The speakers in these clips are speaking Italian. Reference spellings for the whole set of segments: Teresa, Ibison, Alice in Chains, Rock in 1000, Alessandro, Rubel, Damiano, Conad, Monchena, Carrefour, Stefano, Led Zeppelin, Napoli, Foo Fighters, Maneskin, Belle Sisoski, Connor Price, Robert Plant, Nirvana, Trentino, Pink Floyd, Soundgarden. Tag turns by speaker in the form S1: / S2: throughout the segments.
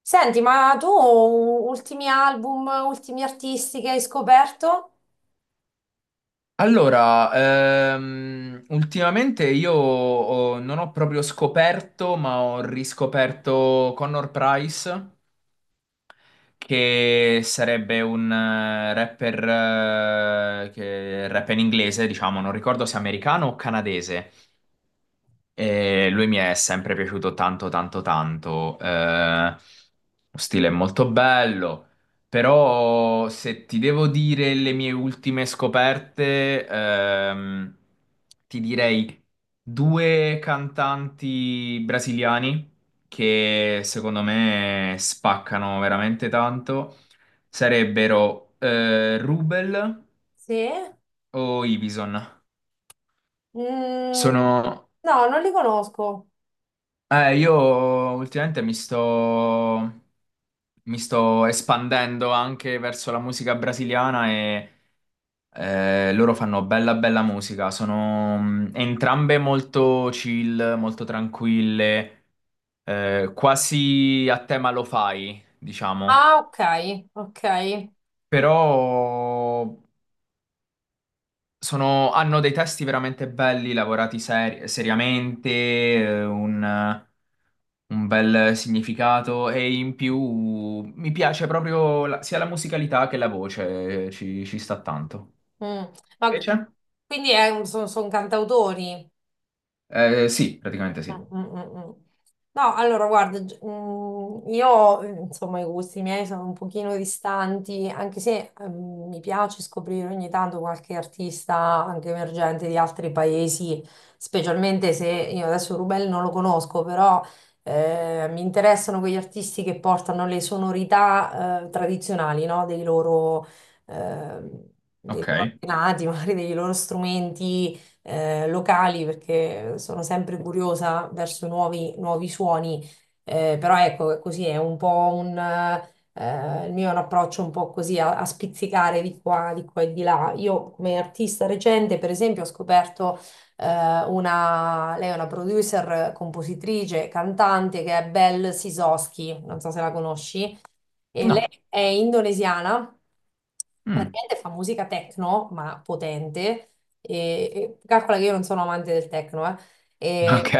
S1: Senti, ma tu ultimi album, ultimi artisti che hai scoperto?
S2: Allora, ultimamente non ho proprio scoperto, ma ho riscoperto Connor Price, che sarebbe un rapper che rappa in inglese, diciamo, non ricordo se americano o canadese. E lui mi è sempre piaciuto tanto, tanto, tanto. Lo stile è molto bello, però se ti devo dire le mie ultime scoperte, ti direi due cantanti brasiliani che secondo me spaccano veramente tanto. Sarebbero Rubel
S1: Sì?
S2: o Ibison.
S1: Mm,
S2: Sono,
S1: no, non li conosco.
S2: io ultimamente mi sto espandendo anche verso la musica brasiliana e loro fanno bella bella musica, sono entrambe molto chill, molto tranquille, quasi a tema lo fai, diciamo,
S1: Ah, ok, ok.
S2: però hanno dei testi veramente belli, lavorati seriamente, un bel significato e in più mi piace proprio sia la musicalità che la voce, ci sta tanto.
S1: Mm. Ma
S2: Invece?
S1: quindi sono cantautori?
S2: Sì, praticamente
S1: Mm,
S2: sì.
S1: mm, mm. Mm. No, allora guarda, io insomma i gusti miei sono un pochino distanti, anche se mi piace scoprire ogni tanto qualche artista anche emergente di altri paesi, specialmente se io adesso Rubel non lo conosco, però mi interessano quegli artisti che portano le sonorità tradizionali, no? Ehm, dei loro
S2: Ok.
S1: antenati, magari dei loro strumenti locali perché sono sempre curiosa verso nuovi, nuovi suoni, però ecco, così è un po' il mio è un approccio un po' così a spizzicare di qua e di là. Io come artista recente, per esempio, ho scoperto eh, lei è una producer, compositrice, cantante che è Belle Sisoski, non so se la conosci, e
S2: No.
S1: lei è indonesiana,
S2: Mm.
S1: praticamente fa musica techno, ma potente, e calcola che io non sono amante del techno, eh. E-
S2: Ok,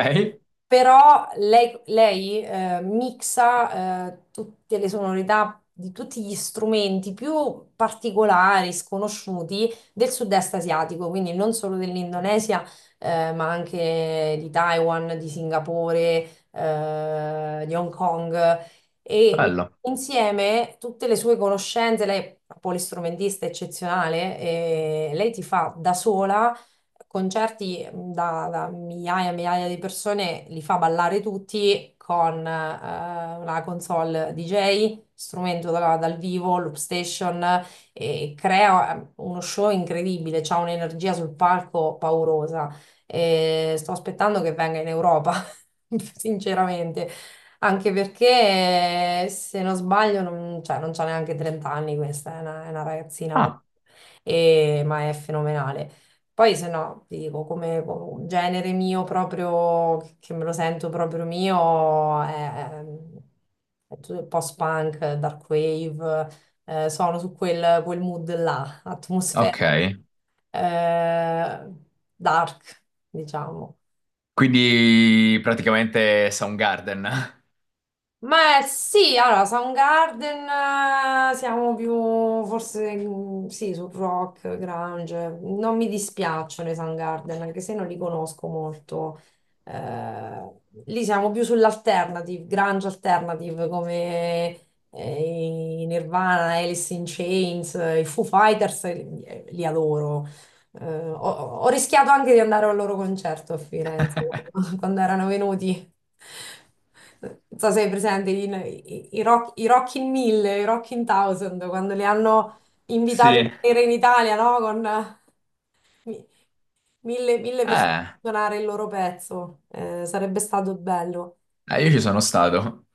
S1: Però lei mixa tutte le sonorità di tutti gli strumenti più particolari, sconosciuti del sud-est asiatico, quindi non solo dell'Indonesia, ma anche di Taiwan, di Singapore, di Hong Kong e
S2: bello.
S1: insieme tutte le sue conoscenze, lei è un polistrumentista eccezionale, e lei ti fa da sola concerti da migliaia e migliaia di persone, li fa ballare tutti con la console DJ, strumento dal vivo, loop station, e crea uno show incredibile, c'ha un'energia sul palco paurosa. E sto aspettando che venga in Europa, sinceramente. Anche perché, se non sbaglio, non, cioè, non c'ha neanche 30 anni questa, è una ragazzina,
S2: Ah,
S1: ma è fenomenale. Poi, se no, ti dico, come genere mio proprio, che me lo sento proprio mio, è tutto il post-punk, dark wave, sono su quel mood là, atmosfera,
S2: ok.
S1: eh, dark, diciamo.
S2: Quindi praticamente Soundgarden.
S1: Ma sì, allora, Soundgarden, siamo più forse mm, sì, sul rock, grunge. Non mi dispiacciono i Soundgarden, anche se non li conosco molto. Eh, Lì siamo più sull'alternative, grunge alternative, come eh, i Nirvana, Alice in Chains, i Foo Fighters, li adoro. Eh, ho, ho rischiato anche di andare al loro concerto a Firenze quando erano venuti. Non so se hai presente i Rock in 1000, quando li hanno invitati a
S2: Sì.
S1: venire in Italia, no? Con mi- mille persone
S2: Eh,
S1: a suonare il loro pezzo. Sarebbe stato bello.
S2: io ci sono stato.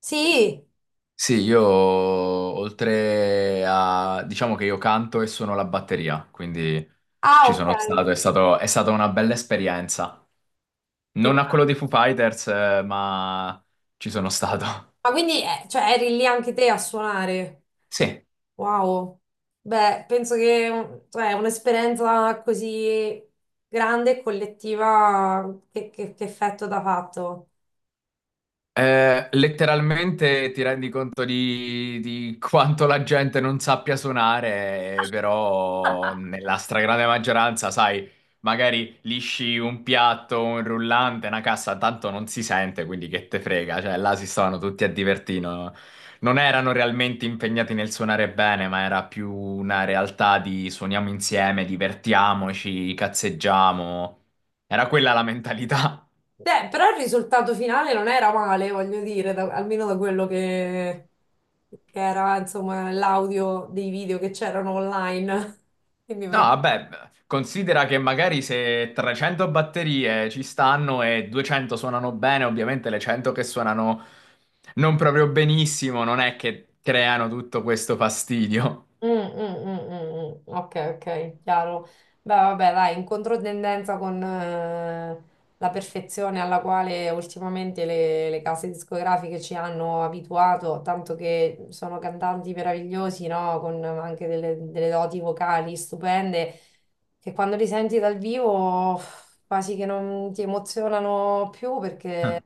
S1: Sì,
S2: Sì, io oltre a, diciamo che io canto e suono la batteria, quindi
S1: ah,
S2: ci sono
S1: ok.
S2: stato, è stata una bella esperienza. Non a
S1: Immag-
S2: quello dei Foo Fighters, ma ci sono stato.
S1: Ma quindi, cioè, eri lì anche te a suonare?
S2: Sì.
S1: Wow, beh, penso che cioè, un'esperienza così grande e collettiva che effetto t'ha fatto.
S2: Letteralmente ti rendi conto di quanto la gente non sappia suonare, però nella stragrande maggioranza, sai, magari lisci un piatto, un rullante, una cassa, tanto non si sente, quindi che te frega, cioè là si stavano tutti a divertire, no? Non erano realmente impegnati nel suonare bene, ma era più una realtà di suoniamo insieme, divertiamoci, cazzeggiamo. Era quella la mentalità.
S1: Beh, però il risultato finale non era male, voglio dire, almeno da quello che era, insomma, l'audio dei video che c'erano online. Quindi.
S2: No, vabbè, considera che magari se 300 batterie ci stanno e 200 suonano bene, ovviamente le 100 che suonano non proprio benissimo, non è che creano tutto questo fastidio.
S1: Mm, mm, mm, mm, mm. Ok, ok, chiaro. Beh, vabbè, dai, in controtendenza con la perfezione alla quale ultimamente le case discografiche ci hanno abituato, tanto che sono cantanti meravigliosi, no? Con anche delle doti vocali stupende, che quando li senti dal vivo uff, quasi che non ti emozionano più
S2: Ah,
S1: perché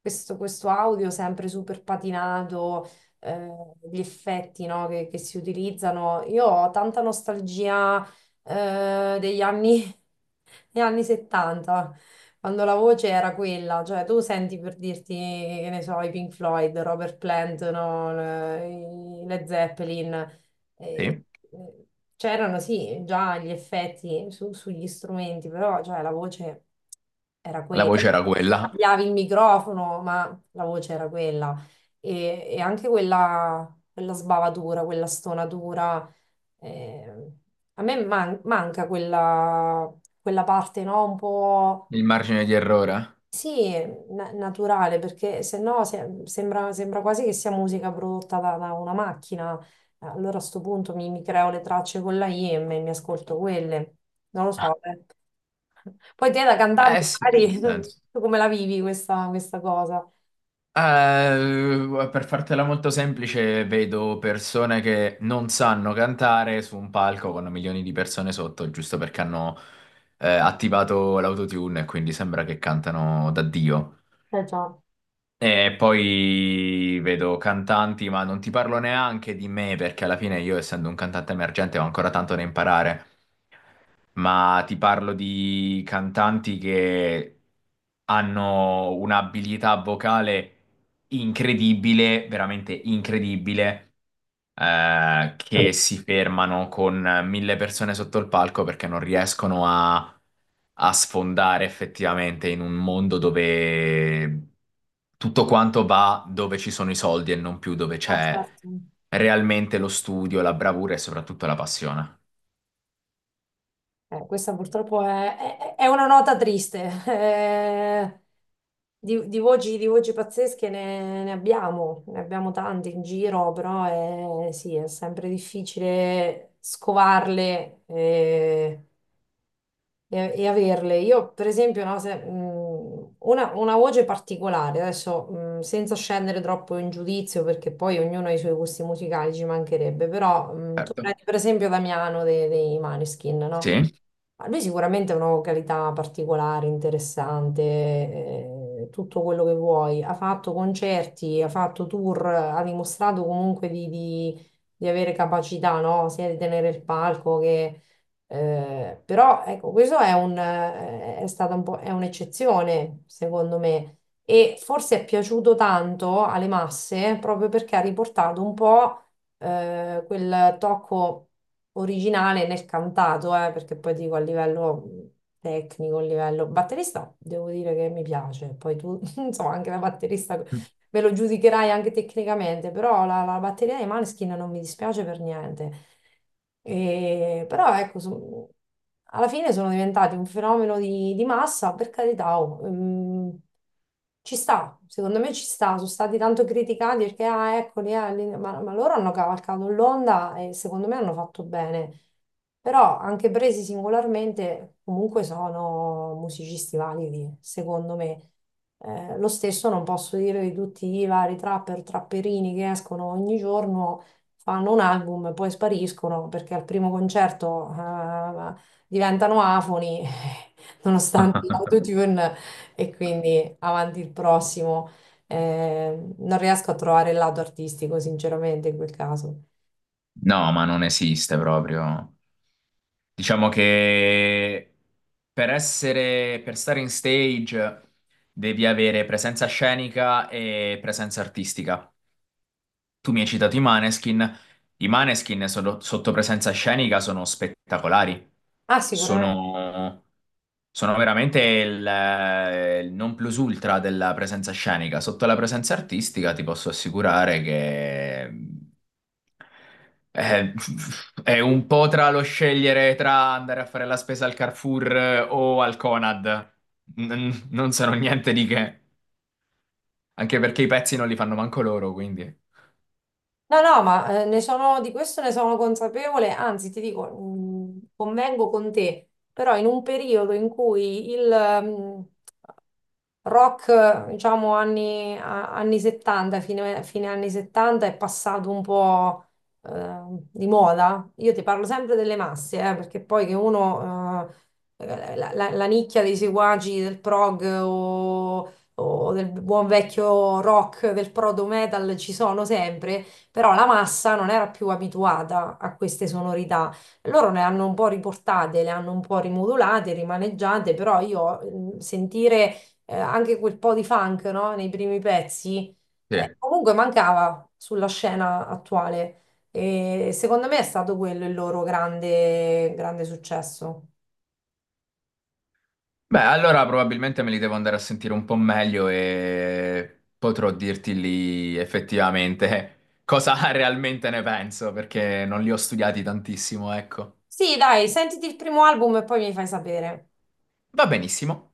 S1: questo audio sempre super patinato gli effetti, no, che si utilizzano. Io ho tanta nostalgia degli anni, degli anni 70, quando la voce era quella, cioè tu senti per dirti, che ne so, i Pink Floyd, Robert Plant, no, i Led Zeppelin. eh,
S2: sì,
S1: eh, C'erano sì già gli effetti sugli strumenti, però cioè, la voce era
S2: la
S1: quella.
S2: voce era quella,
S1: Cambiavi il microfono, ma la voce era quella e anche quella sbavatura, quella stonatura. eh, A me manca quella parte, no? Un po',
S2: il margine di errore.
S1: sì, naturale, perché se no sembra quasi che sia musica prodotta da una macchina. Allora a sto punto mi creo le tracce con la IM e mi ascolto quelle. Non lo so, eh. Poi te da
S2: Eh
S1: cantante,
S2: sì,
S1: magari,
S2: nel senso.
S1: tu come la vivi questa cosa?
S2: Eh, per fartela molto semplice, vedo persone che non sanno cantare su un palco con milioni di persone sotto, giusto perché hanno attivato l'autotune e quindi sembra che cantano da Dio.
S1: Eh già.
S2: E poi vedo cantanti, ma non ti parlo neanche di me perché alla fine io, essendo un cantante emergente, ho ancora tanto da imparare, ma ti parlo di cantanti che hanno un'abilità vocale incredibile, veramente incredibile, che si fermano con 1.000 persone sotto il palco perché non riescono a sfondare effettivamente in un mondo dove tutto quanto va dove ci sono i soldi e non più dove
S1: Ah,
S2: c'è
S1: certo.
S2: realmente lo studio, la bravura e soprattutto la passione.
S1: Questa purtroppo è una nota triste. Eh, di voci pazzesche ne abbiamo tante in giro, però è, sì, è sempre difficile scovarle. E averle. Io, per esempio, no, una voce particolare, adesso senza scendere troppo in giudizio, perché poi ognuno ha i suoi gusti musicali, ci mancherebbe, però tu
S2: Certo.
S1: prendi per esempio Damiano dei Maneskin, no?
S2: Sì.
S1: Ma lui sicuramente ha una vocalità particolare, interessante, tutto quello che vuoi. Ha fatto concerti, ha fatto tour, ha dimostrato comunque di avere capacità, no? Sia di tenere il palco che però ecco, questo è un, è stata un po', è un'eccezione, secondo me, e forse è piaciuto tanto alle masse proprio perché ha riportato un po' quel tocco originale nel cantato, perché poi dico a livello tecnico, a livello batterista, devo dire che mi piace, poi tu, insomma, anche da batterista me lo giudicherai anche tecnicamente, però la batteria dei Maneskin non mi dispiace per niente. Però ecco, alla fine sono diventati un fenomeno di massa, per carità, oh, ci sta, secondo me ci sta, sono stati tanto criticati perché, ah, eccoli, ma loro hanno cavalcato l'onda e secondo me hanno fatto bene. Però anche presi singolarmente, comunque sono musicisti validi, secondo me. Lo stesso non posso dire di tutti i vari trapper, trapperini che escono ogni giorno, fanno un album e poi spariscono perché al primo concerto diventano afoni, nonostante
S2: No,
S1: l'autotune, e quindi avanti il prossimo. Non riesco a trovare il lato artistico, sinceramente, in quel caso.
S2: ma non esiste proprio. Diciamo che per essere, per stare in stage devi avere presenza scenica e presenza artistica. Tu mi hai citato i Maneskin. I Maneskin sotto presenza scenica sono spettacolari.
S1: Ah, sicuramente.
S2: Sono, sono veramente il non plus ultra della presenza scenica. Sotto la presenza artistica ti posso assicurare che eh, è un po' tra lo scegliere tra andare a fare la spesa al Carrefour o al Conad. Non sono niente di che, anche perché i pezzi non li fanno manco loro, quindi.
S1: No, no, ma di questo ne sono consapevole, anzi ti dico, convengo con te, però in un periodo in cui il, mm, rock, diciamo, anni 70, fine anni 70, è passato un po' eh, di moda. Io ti parlo sempre delle masse, perché poi che uno, la nicchia dei seguaci del prog o del buon vecchio rock, del proto metal ci sono sempre, però la massa non era più abituata a queste sonorità. Loro le hanno un po' riportate, le hanno un po' rimodulate, rimaneggiate, però io sentire anche quel po' di funk, no? Nei primi pezzi,
S2: Sì.
S1: comunque mancava sulla scena attuale. E secondo me è stato quello il loro grande, grande successo.
S2: Beh, allora probabilmente me li devo andare a sentire un po' meglio e potrò dirti lì effettivamente cosa realmente ne penso, perché non li ho studiati tantissimo, ecco.
S1: Sì, dai, sentiti il primo album e poi mi fai sapere.
S2: Va benissimo.